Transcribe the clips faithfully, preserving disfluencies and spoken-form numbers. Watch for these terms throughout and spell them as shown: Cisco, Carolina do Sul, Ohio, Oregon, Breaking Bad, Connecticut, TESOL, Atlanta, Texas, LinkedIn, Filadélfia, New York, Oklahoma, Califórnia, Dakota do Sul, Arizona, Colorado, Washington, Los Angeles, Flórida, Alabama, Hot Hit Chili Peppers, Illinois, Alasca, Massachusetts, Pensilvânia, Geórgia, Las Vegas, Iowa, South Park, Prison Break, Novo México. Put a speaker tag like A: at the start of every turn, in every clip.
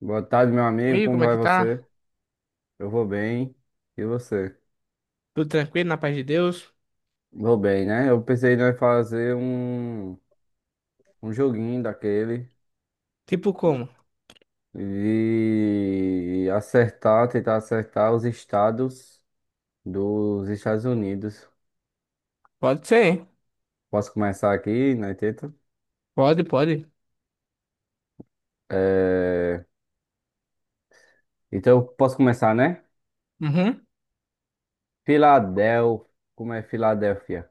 A: Boa tarde, meu amigo.
B: Amigo,
A: Como
B: como é
A: vai
B: que tá?
A: você? Eu vou bem. E você?
B: Tudo tranquilo, na paz de Deus?
A: Vou bem, né? Eu pensei em fazer um, um joguinho daquele
B: Tipo como?
A: e acertar, tentar acertar os estados dos Estados Unidos.
B: Pode ser, hein?
A: Posso começar aqui, né? Tenta.
B: Pode, pode.
A: É, então, eu posso começar, né?
B: Uhum.
A: Filadélfia. Como é Filadélfia?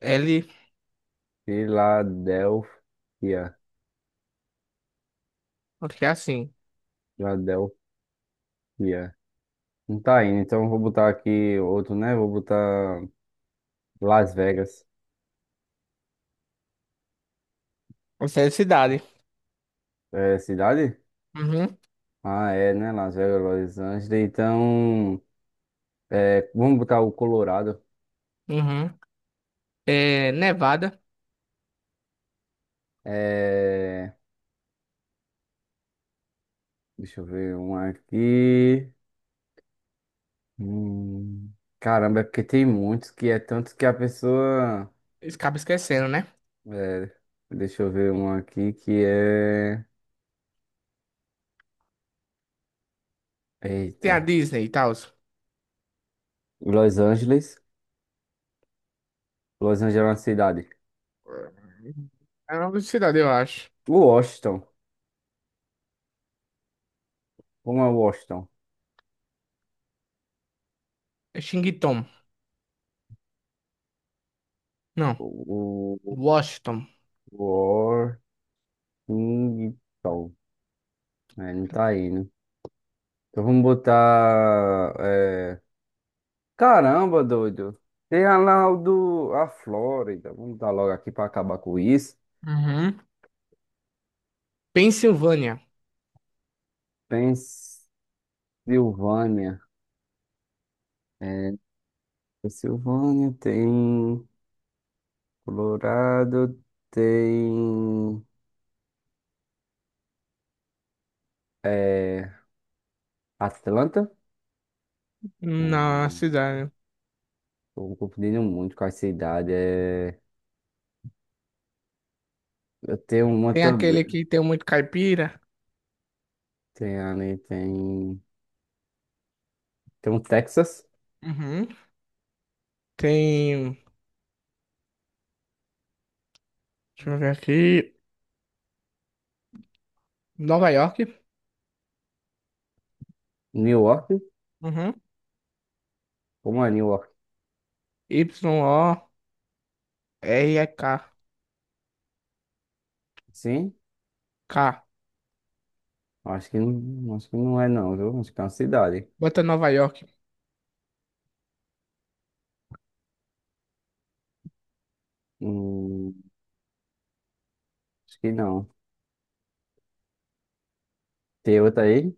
B: L,
A: Filadélfia.
B: acho que é assim.
A: Filadélfia. Não tá indo, então eu vou botar aqui outro, né? Vou botar. Las Vegas.
B: Essa é a cidade.
A: É cidade?
B: Uhum,
A: Ah, é, né? Las Vegas, Los Angeles. Então, é, vamos botar o Colorado.
B: uhum. É Nevada.
A: É, deixa eu ver um aqui. Hum, Caramba, é porque tem muitos que é tanto que a pessoa.
B: Acaba esquecendo, né?
A: É, deixa eu ver um aqui que é.
B: Tem
A: Eita.
B: a Disney e tal.
A: Los Angeles. Los Angeles é uma cidade.
B: É o nome de cidade, eu acho.
A: Washington. Como é Washington?
B: É Xingitom. Não.
A: O, o,
B: Washington.
A: o- Washington. É, não tá aí, né? Então vamos botar. é, Caramba, doido. Tem a lá o do... a Flórida. Vamos dar logo aqui para acabar com isso.
B: Uhum. Pensilvânia.
A: Pensilvânia. É, Pensilvânia tem. Colorado tem. É, Atlanta.
B: Na
A: Hum,
B: cidade.
A: Tô confundindo muito com a cidade. É... Eu tenho uma
B: Tem
A: também.
B: aquele que tem muito caipira.
A: Tem ali, tem. Tem um Texas.
B: Uhum. Tem. Deixa eu ver aqui. Nova York.
A: New York.
B: Uhum.
A: Como é New York?
B: Y O R E K.
A: Sim.
B: K.
A: Acho que não, acho que não é não, viu? Acho que é uma cidade.
B: Bota Nova York.
A: Hum, acho que não. Tem outra aí?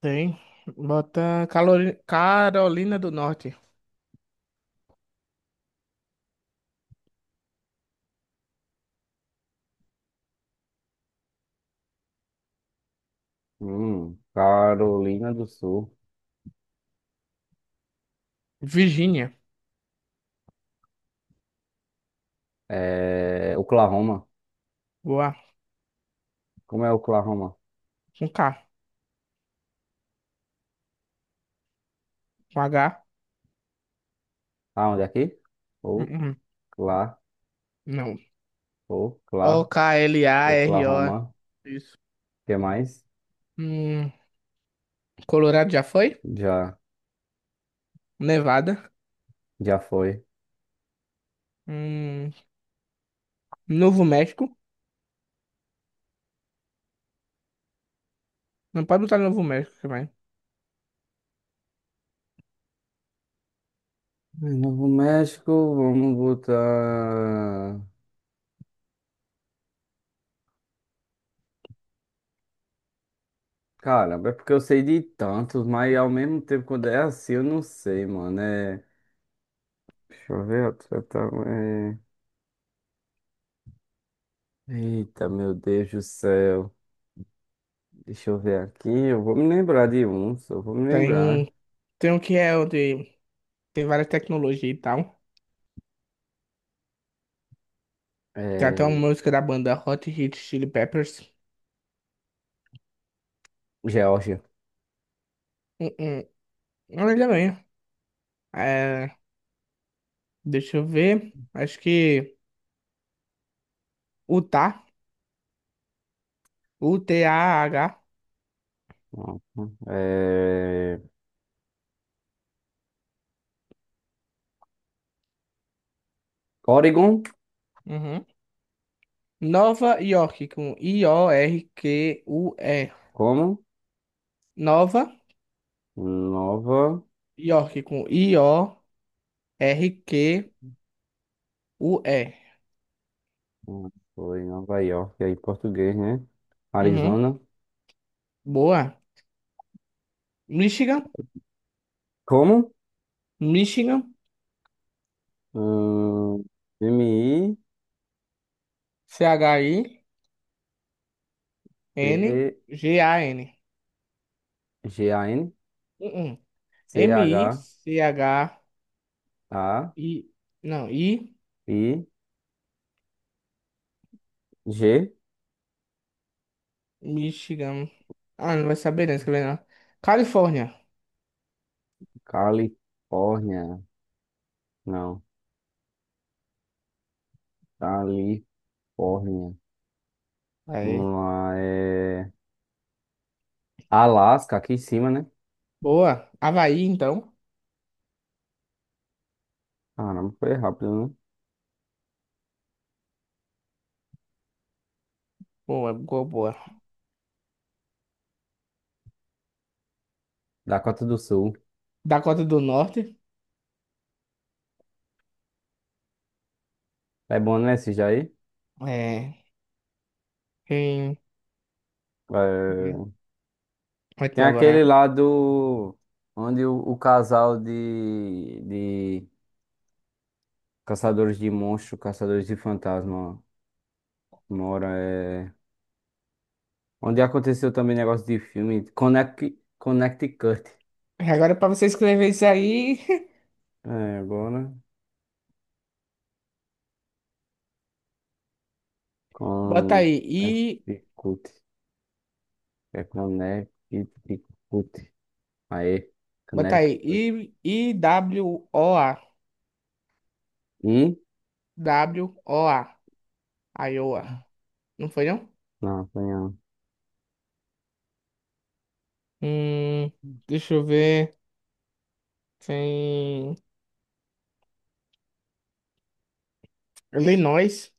B: Tem. Bota Calori- Carolina do Norte.
A: Hum, Carolina do Sul.
B: Virgínia.
A: É, Oklahoma.
B: Boa.
A: Como é Oklahoma?
B: Com K. Com H.
A: Ah, onde é aqui?
B: Uhum.
A: Ocla,
B: Não.
A: Ocla,
B: O K L A R O.
A: Oklahoma.
B: Isso.
A: O que mais?
B: Hum, Colorado já foi?
A: Já,
B: Nevada.
A: já foi.
B: Hum, Novo México. Não pode botar Novo México também.
A: Ai, Novo México, vamos botar. Caramba, é porque eu sei de tantos, mas ao mesmo tempo, quando é assim, eu não sei, mano. É... Deixa eu ver, outra, tá, Eita, meu Deus do céu. Deixa eu ver aqui. Eu vou me lembrar de um, só vou me
B: Tem um.
A: lembrar.
B: Tem um que é o de. Tem várias tecnologias e tal. Tem até uma
A: É,
B: música da banda Hot Hit Chili Peppers.
A: Geórgia.
B: Hum, hum. Olha bem. É, deixa eu ver. Acho que Utah, U T A H.
A: Não. É, Oregon,
B: Uhum. Nova York com I O R Q U E.
A: como?
B: Nova
A: Nova.
B: York com I-O-R-Q-U-E.
A: Não, foi Nova York, aí em português, né?
B: Uhum.
A: Arizona.
B: Boa. Michigan,
A: Como?
B: Michigan,
A: Hum,
B: C H I N G A N.
A: M-I-T-G-A-N
B: Uhum. M I C H I.
A: C-H-A-I-G.
B: Não, I, Michigan. Ah, não vai saber, não escrever não. Califórnia.
A: Califórnia. Não. Califórnia.
B: Aí.
A: Vamos lá, é... Alasca, aqui em cima, né?
B: Boa. Havaí, então.
A: Caramba, foi rápido, né?
B: Boa, boa, boa.
A: Dakota do Sul.
B: Dakota do Norte.
A: É bom, né, esse Jair?
B: É. Quem.
A: É...
B: Vai tu
A: Tem
B: agora.
A: aquele lá do... Onde o, o casal de, de caçadores de monstros, caçadores de fantasma mora. É... Onde aconteceu também negócio de filme. Connect... Connecticut.
B: Né? Agora, é pra você escrever isso aí,
A: É, agora...
B: bota aí. I.
A: Connecticut. É Connecticut. Aí,
B: Bota aí.
A: Connecticut.
B: I. I-W-O-A.
A: E...
B: W O A. Iowa. Não foi, não?
A: Não, tem a...
B: Hum, deixa eu ver. Tem. Illinois.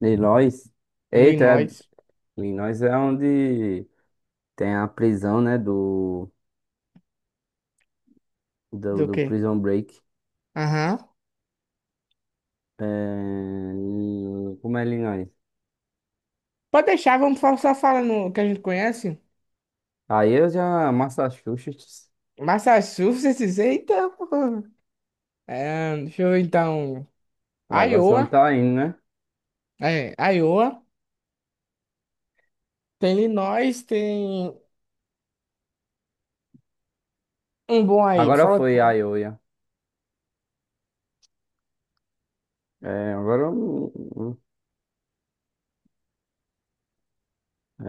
A: Illinois. Eita, é-
B: Illinois.
A: Illinois é onde tem a prisão, né? Do, do,
B: Do
A: do
B: quê?
A: Prison Break.
B: Aham.
A: É... Como é Illinois?
B: Pode deixar, vamos só só falar no que a gente conhece.
A: Aí eu já. Massachusetts.
B: Massachusetts, eita, pô. É, deixa eu ver então.
A: Agora você não
B: Iowa,
A: tá indo, né?
B: é, Iowa. Tem Illinois, tem um bom aí.
A: Agora
B: Fala
A: foi
B: tu.
A: a Iowa. É, agora. eu-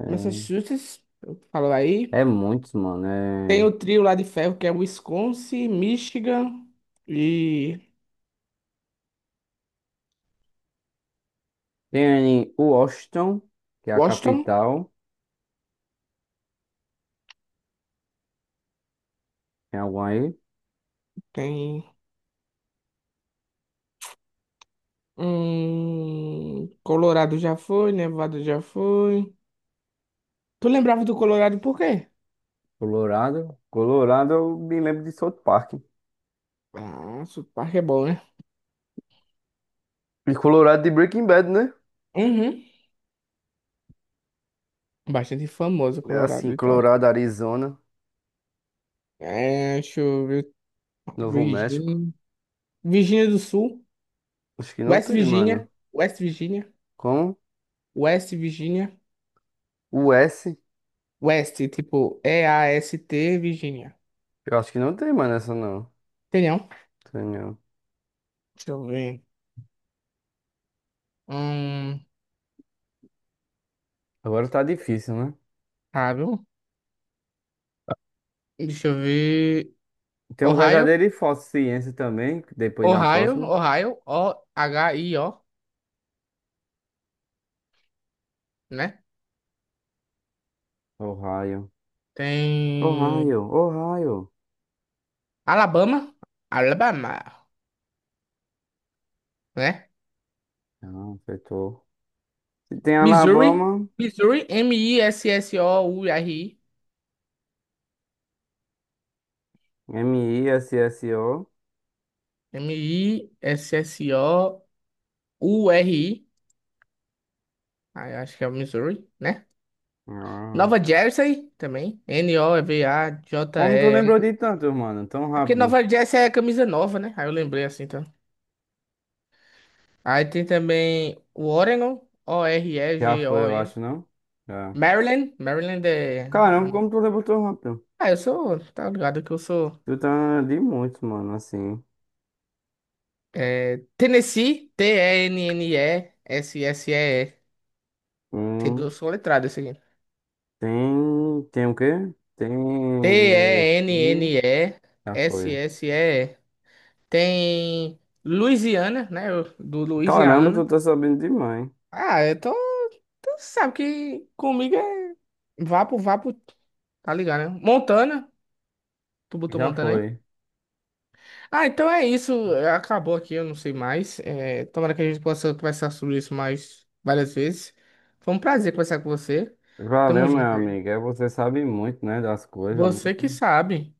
B: Massachusetts, falou
A: É,
B: aí.
A: é muitos, mano.
B: Tem
A: É...
B: o trio lá de ferro que é Wisconsin, Michigan e
A: Tem Washington, que é a
B: Washington.
A: capital. Tem algum aí?
B: Tem hum, Colorado já foi, Nevada já foi. Tu lembrava do Colorado por quê?
A: Colorado. Colorado, eu me lembro de South Park.
B: Ah, sotaque é bom, né?
A: E Colorado de Breaking Bad, né?
B: Uhum. Bastante famoso
A: É,
B: Colorado
A: assim,
B: e tal.
A: Colorado, Arizona,
B: É, deixa eu ver.
A: Novo México.
B: Virgínia. Virgínia do Sul.
A: Acho que não
B: West
A: tem, mano.
B: Virginia, West Virginia,
A: Com
B: West Virginia,
A: o S,
B: West, tipo E A S T, Virginia.
A: eu acho que não tem, mano, essa não.
B: Entendeu?
A: Tem não.
B: Deixa eu ver. Hum,
A: Agora tá difícil, né?
B: Ohio. Deixa eu ver.
A: Tem um
B: Ohio,
A: verdadeiro e falso ciência também, que depois na
B: Ohio,
A: próxima.
B: Ohio, O H I O, né?
A: Ohio.
B: Tem
A: Ohio, Ohio.
B: Alabama, Alabama, né?
A: Não, acertou. E tem
B: Missouri,
A: Alabama,
B: Missouri, M I S S O U R I,
A: M-I-S-S-O.
B: M-I-S-S-O-U-R-I, ah, eu acho que é o Missouri, né?
A: Ah.
B: Nova Jersey também.
A: Como tu
B: N O V A J E R.
A: lembrou de tanto, mano? Tão
B: É porque
A: rápido.
B: Nova Jersey é camisa nova, né? Aí eu lembrei assim, então. Aí tem também o Oregon,
A: Já foi, eu
B: O R E G O N.
A: acho, não? Já.
B: Maryland, Maryland é.
A: Caramba,
B: Não.
A: como tu lembrou tão rápido?
B: Ah, eu sou. Tá ligado que eu sou.
A: Eu tá de muitos, mano, assim.
B: É, Tennessee, T E N N E S S E E. Tem
A: Um,
B: duas soletradas esse aqui.
A: tem. Tem o quê? Tem nesse. Já foi.
B: T E N N E S S E E. Tem Louisiana, né? Eu- do
A: Caramba, tu
B: Louisiana.
A: tá sabendo demais.
B: Ah, eu tô. Sabe que comigo é vapo, vapo, tá ligado, né? Montana. Tu botou
A: Já
B: Montana aí?
A: foi.
B: Ah, então é isso. Acabou aqui, eu não sei mais. É, tomara que a gente possa conversar sobre isso mais várias vezes. Foi um prazer conversar com você.
A: Valeu,
B: Tamo
A: meu
B: junto aí.
A: amigo. É, você sabe muito, né, das coisas. Muito,
B: Você que sabe.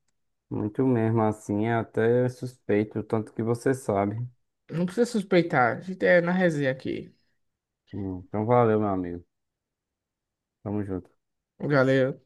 A: muito mesmo, assim. É até suspeito o tanto que você sabe.
B: Não precisa suspeitar. A gente é na resenha aqui.
A: Hum, Então, valeu, meu amigo. Tamo junto.
B: Galera.